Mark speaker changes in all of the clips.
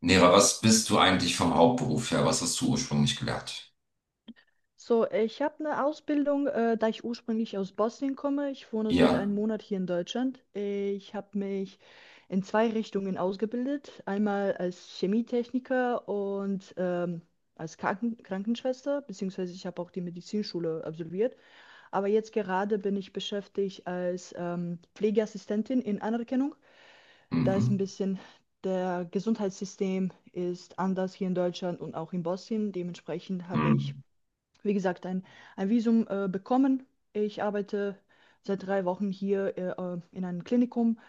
Speaker 1: Nera, was bist du eigentlich vom Hauptberuf her? Was hast du ursprünglich gelernt?
Speaker 2: So, ich habe eine Ausbildung, da ich ursprünglich aus Bosnien komme. Ich wohne seit
Speaker 1: Ja.
Speaker 2: einem Monat hier in Deutschland. Ich habe mich in zwei Richtungen ausgebildet. Einmal als Chemietechniker und als Krankenschwester, beziehungsweise ich habe auch die Medizinschule absolviert. Aber jetzt gerade bin ich beschäftigt als Pflegeassistentin in Anerkennung. Da ist ein
Speaker 1: Mhm.
Speaker 2: bisschen der Gesundheitssystem ist anders hier in Deutschland und auch in Bosnien. Dementsprechend habe ich,
Speaker 1: Mhm.
Speaker 2: wie gesagt, ein Visum bekommen. Ich arbeite seit drei Wochen hier in einem Klinikum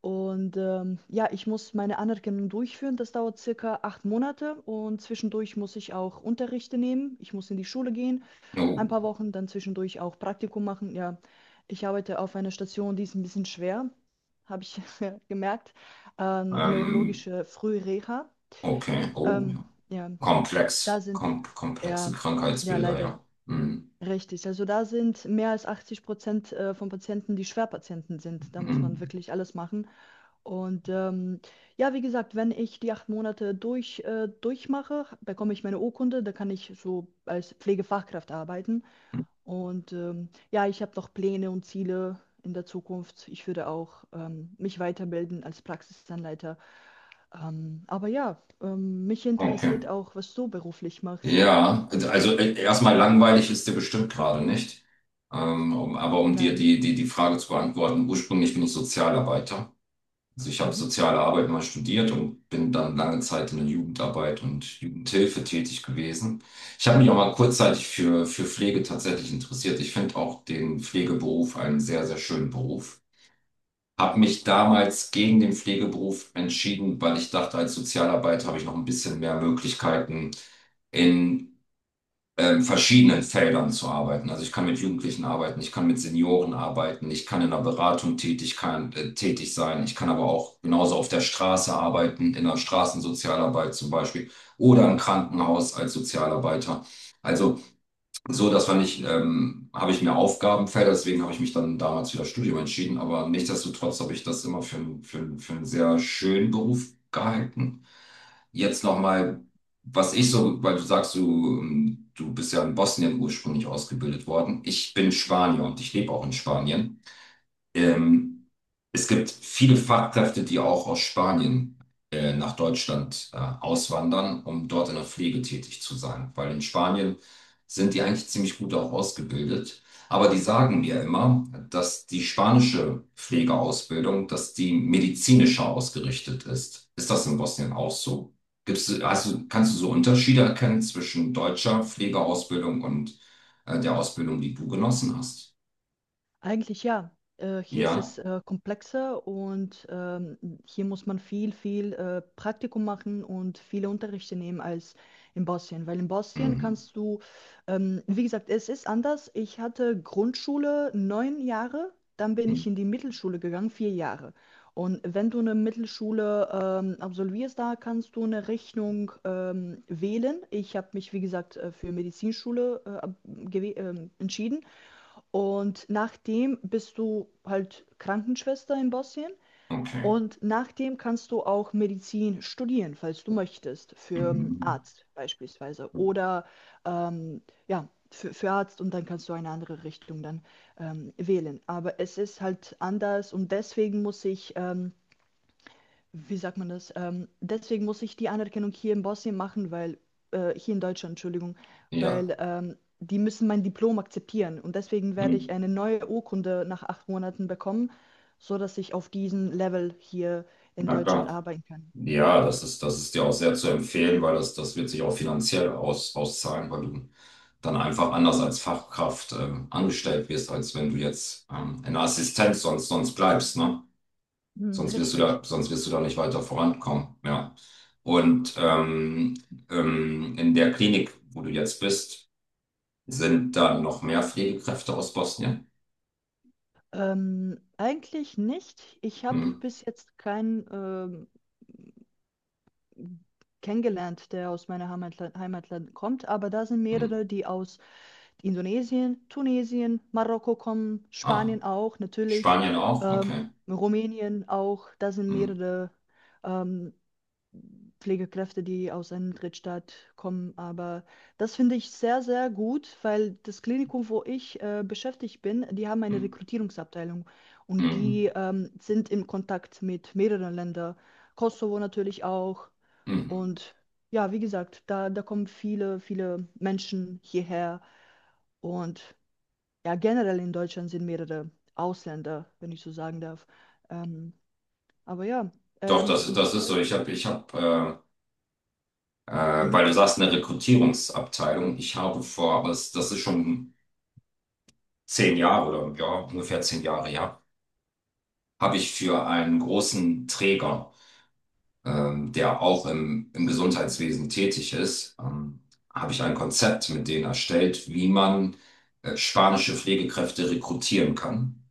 Speaker 2: und ja, ich muss meine Anerkennung durchführen. Das dauert circa acht Monate und zwischendurch muss ich auch Unterrichte nehmen. Ich muss in die Schule gehen, ein
Speaker 1: Oh.
Speaker 2: paar Wochen, dann zwischendurch auch Praktikum machen. Ja, ich arbeite auf einer Station, die ist ein bisschen schwer, habe ich gemerkt.
Speaker 1: Ähm,
Speaker 2: Neurologische Frühreha.
Speaker 1: okay. Oh, ja.
Speaker 2: Ja,
Speaker 1: Komplex.
Speaker 2: da sind,
Speaker 1: Komplexe
Speaker 2: ja, ja,
Speaker 1: Krankheitsbilder,
Speaker 2: leider, ja.
Speaker 1: ja. Mhm.
Speaker 2: Richtig, also da sind mehr als 80 von Patienten, die Schwerpatienten sind. Da muss man
Speaker 1: Mhm.
Speaker 2: wirklich alles machen. Und ja, wie gesagt, wenn ich die acht Monate durchmache, bekomme ich meine Urkunde, da kann ich so als Pflegefachkraft arbeiten. Und ja, ich habe noch Pläne und Ziele in der Zukunft. Ich würde auch mich weiterbilden als Praxisanleiter. Aber ja, mich
Speaker 1: Okay.
Speaker 2: interessiert auch, was du beruflich machst.
Speaker 1: Ja, also erstmal langweilig ist dir bestimmt gerade nicht. Aber um dir
Speaker 2: Nein.
Speaker 1: die Frage zu beantworten, ursprünglich bin ich Sozialarbeiter. Also ich habe
Speaker 2: Mhm.
Speaker 1: soziale Arbeit mal studiert und bin dann lange Zeit in der Jugendarbeit und Jugendhilfe tätig gewesen. Ich habe mich auch mal kurzzeitig für Pflege tatsächlich interessiert. Ich finde auch den Pflegeberuf einen sehr, sehr schönen Beruf. Habe mich damals gegen den Pflegeberuf entschieden, weil ich dachte, als Sozialarbeiter habe ich noch ein bisschen mehr Möglichkeiten, in in verschiedenen Feldern zu arbeiten. Also ich kann mit Jugendlichen arbeiten, ich kann mit Senioren arbeiten, ich kann in der Beratung tätig, kann, tätig sein, ich kann aber auch genauso auf der Straße arbeiten, in der Straßensozialarbeit zum Beispiel oder im Krankenhaus als Sozialarbeiter. Also so, dass wir nicht, habe ich mir Aufgabenfelder, deswegen habe ich mich dann damals für das Studium entschieden, aber nichtsdestotrotz habe ich das immer für einen sehr schönen Beruf gehalten. Jetzt nochmal, was ich so, weil du sagst, du bist ja in Bosnien ursprünglich ausgebildet worden. Ich bin Spanier und ich lebe auch in Spanien.
Speaker 2: Mhm.
Speaker 1: Ähm, es gibt viele Fachkräfte, die auch aus Spanien nach Deutschland auswandern, um dort in der Pflege tätig zu sein, weil in Spanien sind die eigentlich ziemlich gut auch ausgebildet. Aber die sagen mir immer, dass die spanische Pflegeausbildung, dass die medizinischer ausgerichtet ist. Ist das in Bosnien auch so? Gibt's, also kannst du so Unterschiede erkennen zwischen deutscher Pflegeausbildung und der Ausbildung, die du genossen hast?
Speaker 2: Eigentlich ja. Hier ist
Speaker 1: Ja.
Speaker 2: es komplexer und hier muss man viel, viel Praktikum machen und viele Unterrichte nehmen als in Bosnien. Weil in Bosnien
Speaker 1: Mhm.
Speaker 2: kannst du, wie gesagt, es ist anders. Ich hatte Grundschule neun Jahre, dann bin
Speaker 1: Mhm.
Speaker 2: ich in die Mittelschule gegangen, vier Jahre. Und wenn du eine Mittelschule absolvierst, da kannst du eine Richtung wählen. Ich habe mich, wie gesagt, für Medizinschule entschieden. Und nachdem bist du halt Krankenschwester in Bosnien
Speaker 1: Okay.
Speaker 2: und nachdem kannst du auch Medizin studieren, falls du möchtest, für einen
Speaker 1: Mhm.
Speaker 2: Arzt beispielsweise oder ja, für Arzt und dann kannst du eine andere Richtung dann wählen. Aber es ist halt anders und deswegen muss ich wie sagt man das? Deswegen muss ich die Anerkennung hier in Bosnien machen, weil hier in Deutschland, Entschuldigung,
Speaker 1: Ja,
Speaker 2: weil die müssen mein Diplom akzeptieren und deswegen werde ich
Speaker 1: Mhm.
Speaker 2: eine neue Urkunde nach acht Monaten bekommen, so dass ich auf diesem Level hier in
Speaker 1: Na
Speaker 2: Deutschland
Speaker 1: klar.
Speaker 2: arbeiten kann.
Speaker 1: Ja, das ist, dir auch sehr zu empfehlen, weil das wird sich auch finanziell auszahlen, weil du dann einfach anders als Fachkraft angestellt wirst, als wenn du jetzt in der Assistenz sonst bleibst, ne?
Speaker 2: Hm,
Speaker 1: Sonst wirst du
Speaker 2: richtig.
Speaker 1: da, sonst wirst du da nicht weiter vorankommen, ja. Und in der Klinik, wo du jetzt bist, sind da noch mehr Pflegekräfte aus Bosnien?
Speaker 2: Eigentlich nicht. Ich habe
Speaker 1: Mhm.
Speaker 2: bis jetzt keinen ähm, kennengelernt, der aus meiner Heimatland kommt, aber da sind
Speaker 1: Mhm.
Speaker 2: mehrere, die aus Indonesien, Tunesien, Marokko kommen,
Speaker 1: Ah,
Speaker 2: Spanien auch natürlich,
Speaker 1: Spanien auch?
Speaker 2: ähm,
Speaker 1: Okay.
Speaker 2: Rumänien auch. Da sind
Speaker 1: Mhm.
Speaker 2: mehrere ähm, Pflegekräfte, die aus einem Drittstaat kommen. Aber das finde ich sehr, sehr gut, weil das Klinikum, wo ich beschäftigt bin, die haben eine
Speaker 1: Mhm.
Speaker 2: Rekrutierungsabteilung und
Speaker 1: Mhm.
Speaker 2: die sind im Kontakt mit mehreren Ländern, Kosovo natürlich auch.
Speaker 1: Mhm.
Speaker 2: Und ja, wie gesagt, da kommen viele, viele Menschen hierher und ja, generell in Deutschland sind mehrere Ausländer, wenn ich so sagen darf. Ähm, aber ja,
Speaker 1: Doch, das
Speaker 2: ich
Speaker 1: ist so.
Speaker 2: wollte.
Speaker 1: Äh, weil
Speaker 2: Mhm,
Speaker 1: du sagst, eine Rekrutierungsabteilung. Ich habe vor, aber das ist schon 10 Jahre oder ja, ungefähr 10 Jahre, ja, habe ich für einen großen Träger, der auch im Gesundheitswesen tätig ist, habe ich ein Konzept mit denen erstellt, wie man spanische Pflegekräfte rekrutieren kann.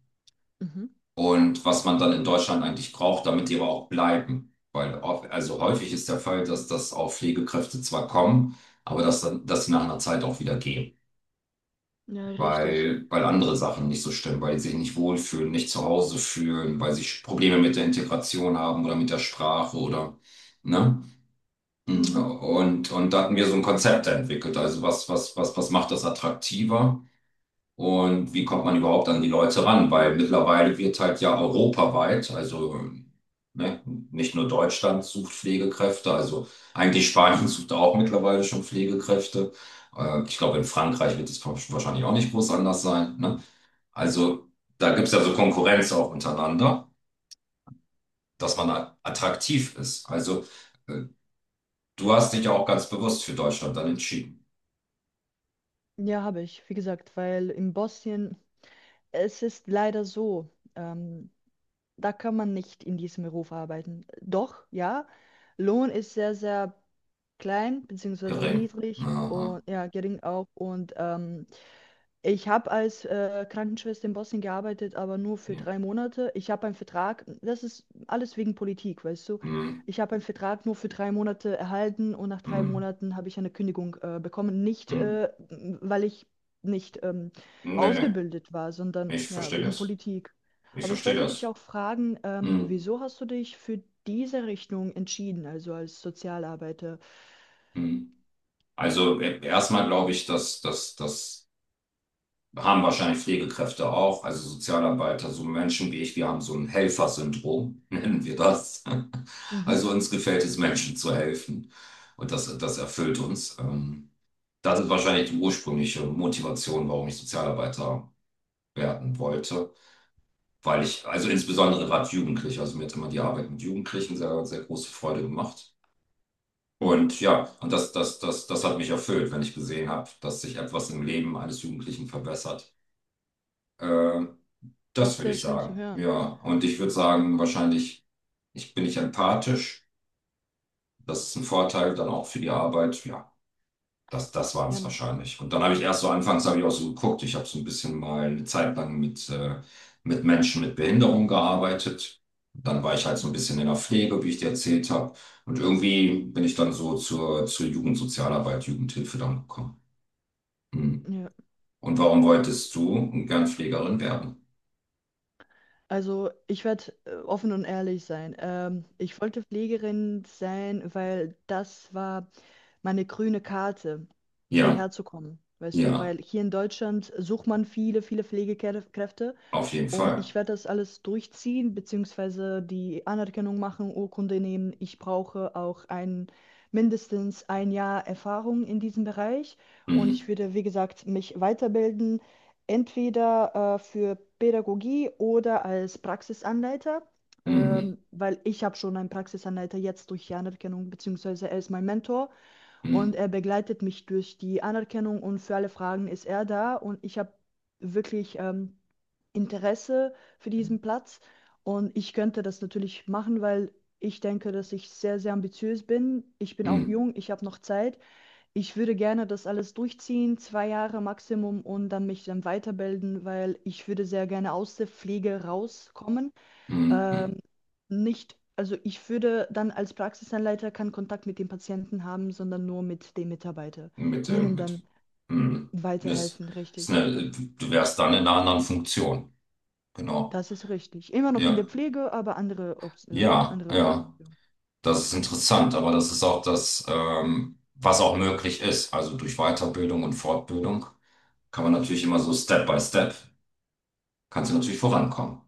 Speaker 2: mhm,
Speaker 1: Und was man dann in Deutschland eigentlich braucht, damit die aber auch bleiben. Weil also häufig ist der Fall, dass das auch Pflegekräfte zwar kommen, aber dass sie nach einer Zeit auch wieder gehen,
Speaker 2: ja, richtig.
Speaker 1: weil andere Sachen nicht so stimmen, weil sie sich nicht wohlfühlen, nicht zu Hause fühlen, weil sie Probleme mit der Integration haben oder mit der Sprache oder, ne?
Speaker 2: Mhm.
Speaker 1: Und da hatten wir so ein Konzept entwickelt. Also was macht das attraktiver? Und wie kommt man überhaupt an die Leute ran? Weil mittlerweile wird halt ja europaweit, also ne, nicht nur Deutschland sucht Pflegekräfte, also eigentlich Spanien sucht auch mittlerweile schon Pflegekräfte. Ich glaube, in Frankreich wird es wahrscheinlich auch nicht groß anders sein. Ne? Also da gibt es ja so Konkurrenz auch untereinander, dass man attraktiv ist. Also äh, du hast dich ja auch ganz bewusst für Deutschland dann entschieden.
Speaker 2: Ja, habe ich, wie gesagt, weil in Bosnien, es ist leider so, ähm, da kann man nicht in diesem Beruf arbeiten. Doch, ja, Lohn ist sehr, sehr klein, beziehungsweise
Speaker 1: Gering.
Speaker 2: niedrig
Speaker 1: Aha.
Speaker 2: und ja, gering auch. Und ich habe als Krankenschwester in Bosnien gearbeitet, aber nur für
Speaker 1: Ja.
Speaker 2: drei Monate. Ich habe einen Vertrag, das ist alles wegen Politik, weißt du.
Speaker 1: Hm,
Speaker 2: Ich habe einen Vertrag nur für drei Monate erhalten und nach drei
Speaker 1: hm,
Speaker 2: Monaten habe ich eine Kündigung bekommen. Nicht,
Speaker 1: hm. Hm.
Speaker 2: äh, weil ich nicht
Speaker 1: Nee, nee.
Speaker 2: ausgebildet war, sondern
Speaker 1: Ich
Speaker 2: ja,
Speaker 1: verstehe
Speaker 2: wegen
Speaker 1: das.
Speaker 2: Politik.
Speaker 1: Ich
Speaker 2: Aber ich
Speaker 1: verstehe
Speaker 2: wollte dich
Speaker 1: das.
Speaker 2: auch fragen,
Speaker 1: Mhm.
Speaker 2: wieso hast du dich für diese Richtung entschieden, also als Sozialarbeiter?
Speaker 1: Mhm. Also erstmal glaube ich, dass das haben wahrscheinlich Pflegekräfte auch, also Sozialarbeiter, so Menschen wie ich, wir haben so ein Helfersyndrom, nennen wir das.
Speaker 2: Mhm,
Speaker 1: Also uns gefällt es, Menschen zu helfen. Und das erfüllt uns. Das ist wahrscheinlich die ursprüngliche Motivation, warum ich Sozialarbeiter werden wollte. Weil ich, also insbesondere gerade Jugendliche, also mir hat immer die Arbeit mit Jugendlichen sehr, sehr große Freude gemacht.
Speaker 2: mhm.
Speaker 1: Und ja, und das hat mich erfüllt, wenn ich gesehen habe, dass sich etwas im Leben eines Jugendlichen verbessert. Äh,
Speaker 2: Das
Speaker 1: das
Speaker 2: ist
Speaker 1: würde
Speaker 2: sehr
Speaker 1: ich
Speaker 2: schön zu
Speaker 1: sagen. Ja,
Speaker 2: hören.
Speaker 1: und ich würde sagen, wahrscheinlich, ich bin nicht empathisch. Das ist ein Vorteil dann auch für die Arbeit. Ja. Das waren
Speaker 2: Ja,
Speaker 1: es wahrscheinlich. Und dann habe ich erst so anfangs habe ich auch so geguckt, ich habe so ein bisschen mal eine Zeit lang mit Menschen mit Behinderung gearbeitet. Dann war ich halt so ein
Speaker 2: mhm.
Speaker 1: bisschen in der Pflege, wie ich dir erzählt habe. Und irgendwie bin ich dann so zur Jugendsozialarbeit, Jugendhilfe dann gekommen. Hm.
Speaker 2: Ja.
Speaker 1: Und warum wolltest du gern Pflegerin werden?
Speaker 2: Also, ich werde offen und ehrlich sein. Ich wollte Pflegerin sein, weil das war meine grüne Karte,
Speaker 1: Ja,
Speaker 2: hierher zu kommen. Weißt du,
Speaker 1: ja,
Speaker 2: weil hier in Deutschland sucht man viele, viele Pflegekräfte
Speaker 1: auf jeden
Speaker 2: und ich
Speaker 1: Fall.
Speaker 2: werde das alles durchziehen, beziehungsweise die Anerkennung machen, Urkunde nehmen. Ich brauche auch mindestens ein Jahr Erfahrung in diesem Bereich. Und
Speaker 1: Hm,
Speaker 2: ich würde, wie gesagt, mich weiterbilden, entweder für Pädagogie oder als Praxisanleiter,
Speaker 1: hm,
Speaker 2: weil ich habe schon einen Praxisanleiter jetzt durch die Anerkennung, beziehungsweise er ist mein Mentor.
Speaker 1: hm,
Speaker 2: Und er begleitet mich durch die Anerkennung und für alle Fragen ist er da. Und ich habe wirklich... Interesse für diesen Platz und ich könnte das natürlich machen, weil ich denke, dass ich sehr, sehr ambitiös bin. Ich bin auch
Speaker 1: hm,
Speaker 2: jung, ich habe noch Zeit. Ich würde gerne das alles durchziehen, zwei Jahre Maximum und dann mich dann weiterbilden, weil ich würde sehr gerne aus der Pflege rauskommen.
Speaker 1: hm, hm. Hm.
Speaker 2: Ähm, nicht, also ich würde dann als Praxisanleiter keinen Kontakt mit den Patienten haben, sondern nur mit den Mitarbeitern,
Speaker 1: Mit dem,
Speaker 2: Ihnen
Speaker 1: mit,
Speaker 2: dann
Speaker 1: hm. Das
Speaker 2: weiterhelfen,
Speaker 1: ist
Speaker 2: richtig.
Speaker 1: eine, du wärst dann in einer anderen Funktion. Genau.
Speaker 2: Das ist richtig. Immer noch in der
Speaker 1: Ja,
Speaker 2: Pflege, aber andere,
Speaker 1: ja,
Speaker 2: andere.
Speaker 1: ja. Das ist interessant, aber das ist auch das, was auch möglich ist. Also durch Weiterbildung und Fortbildung kann man natürlich immer so Step by Step, kannst du natürlich vorankommen.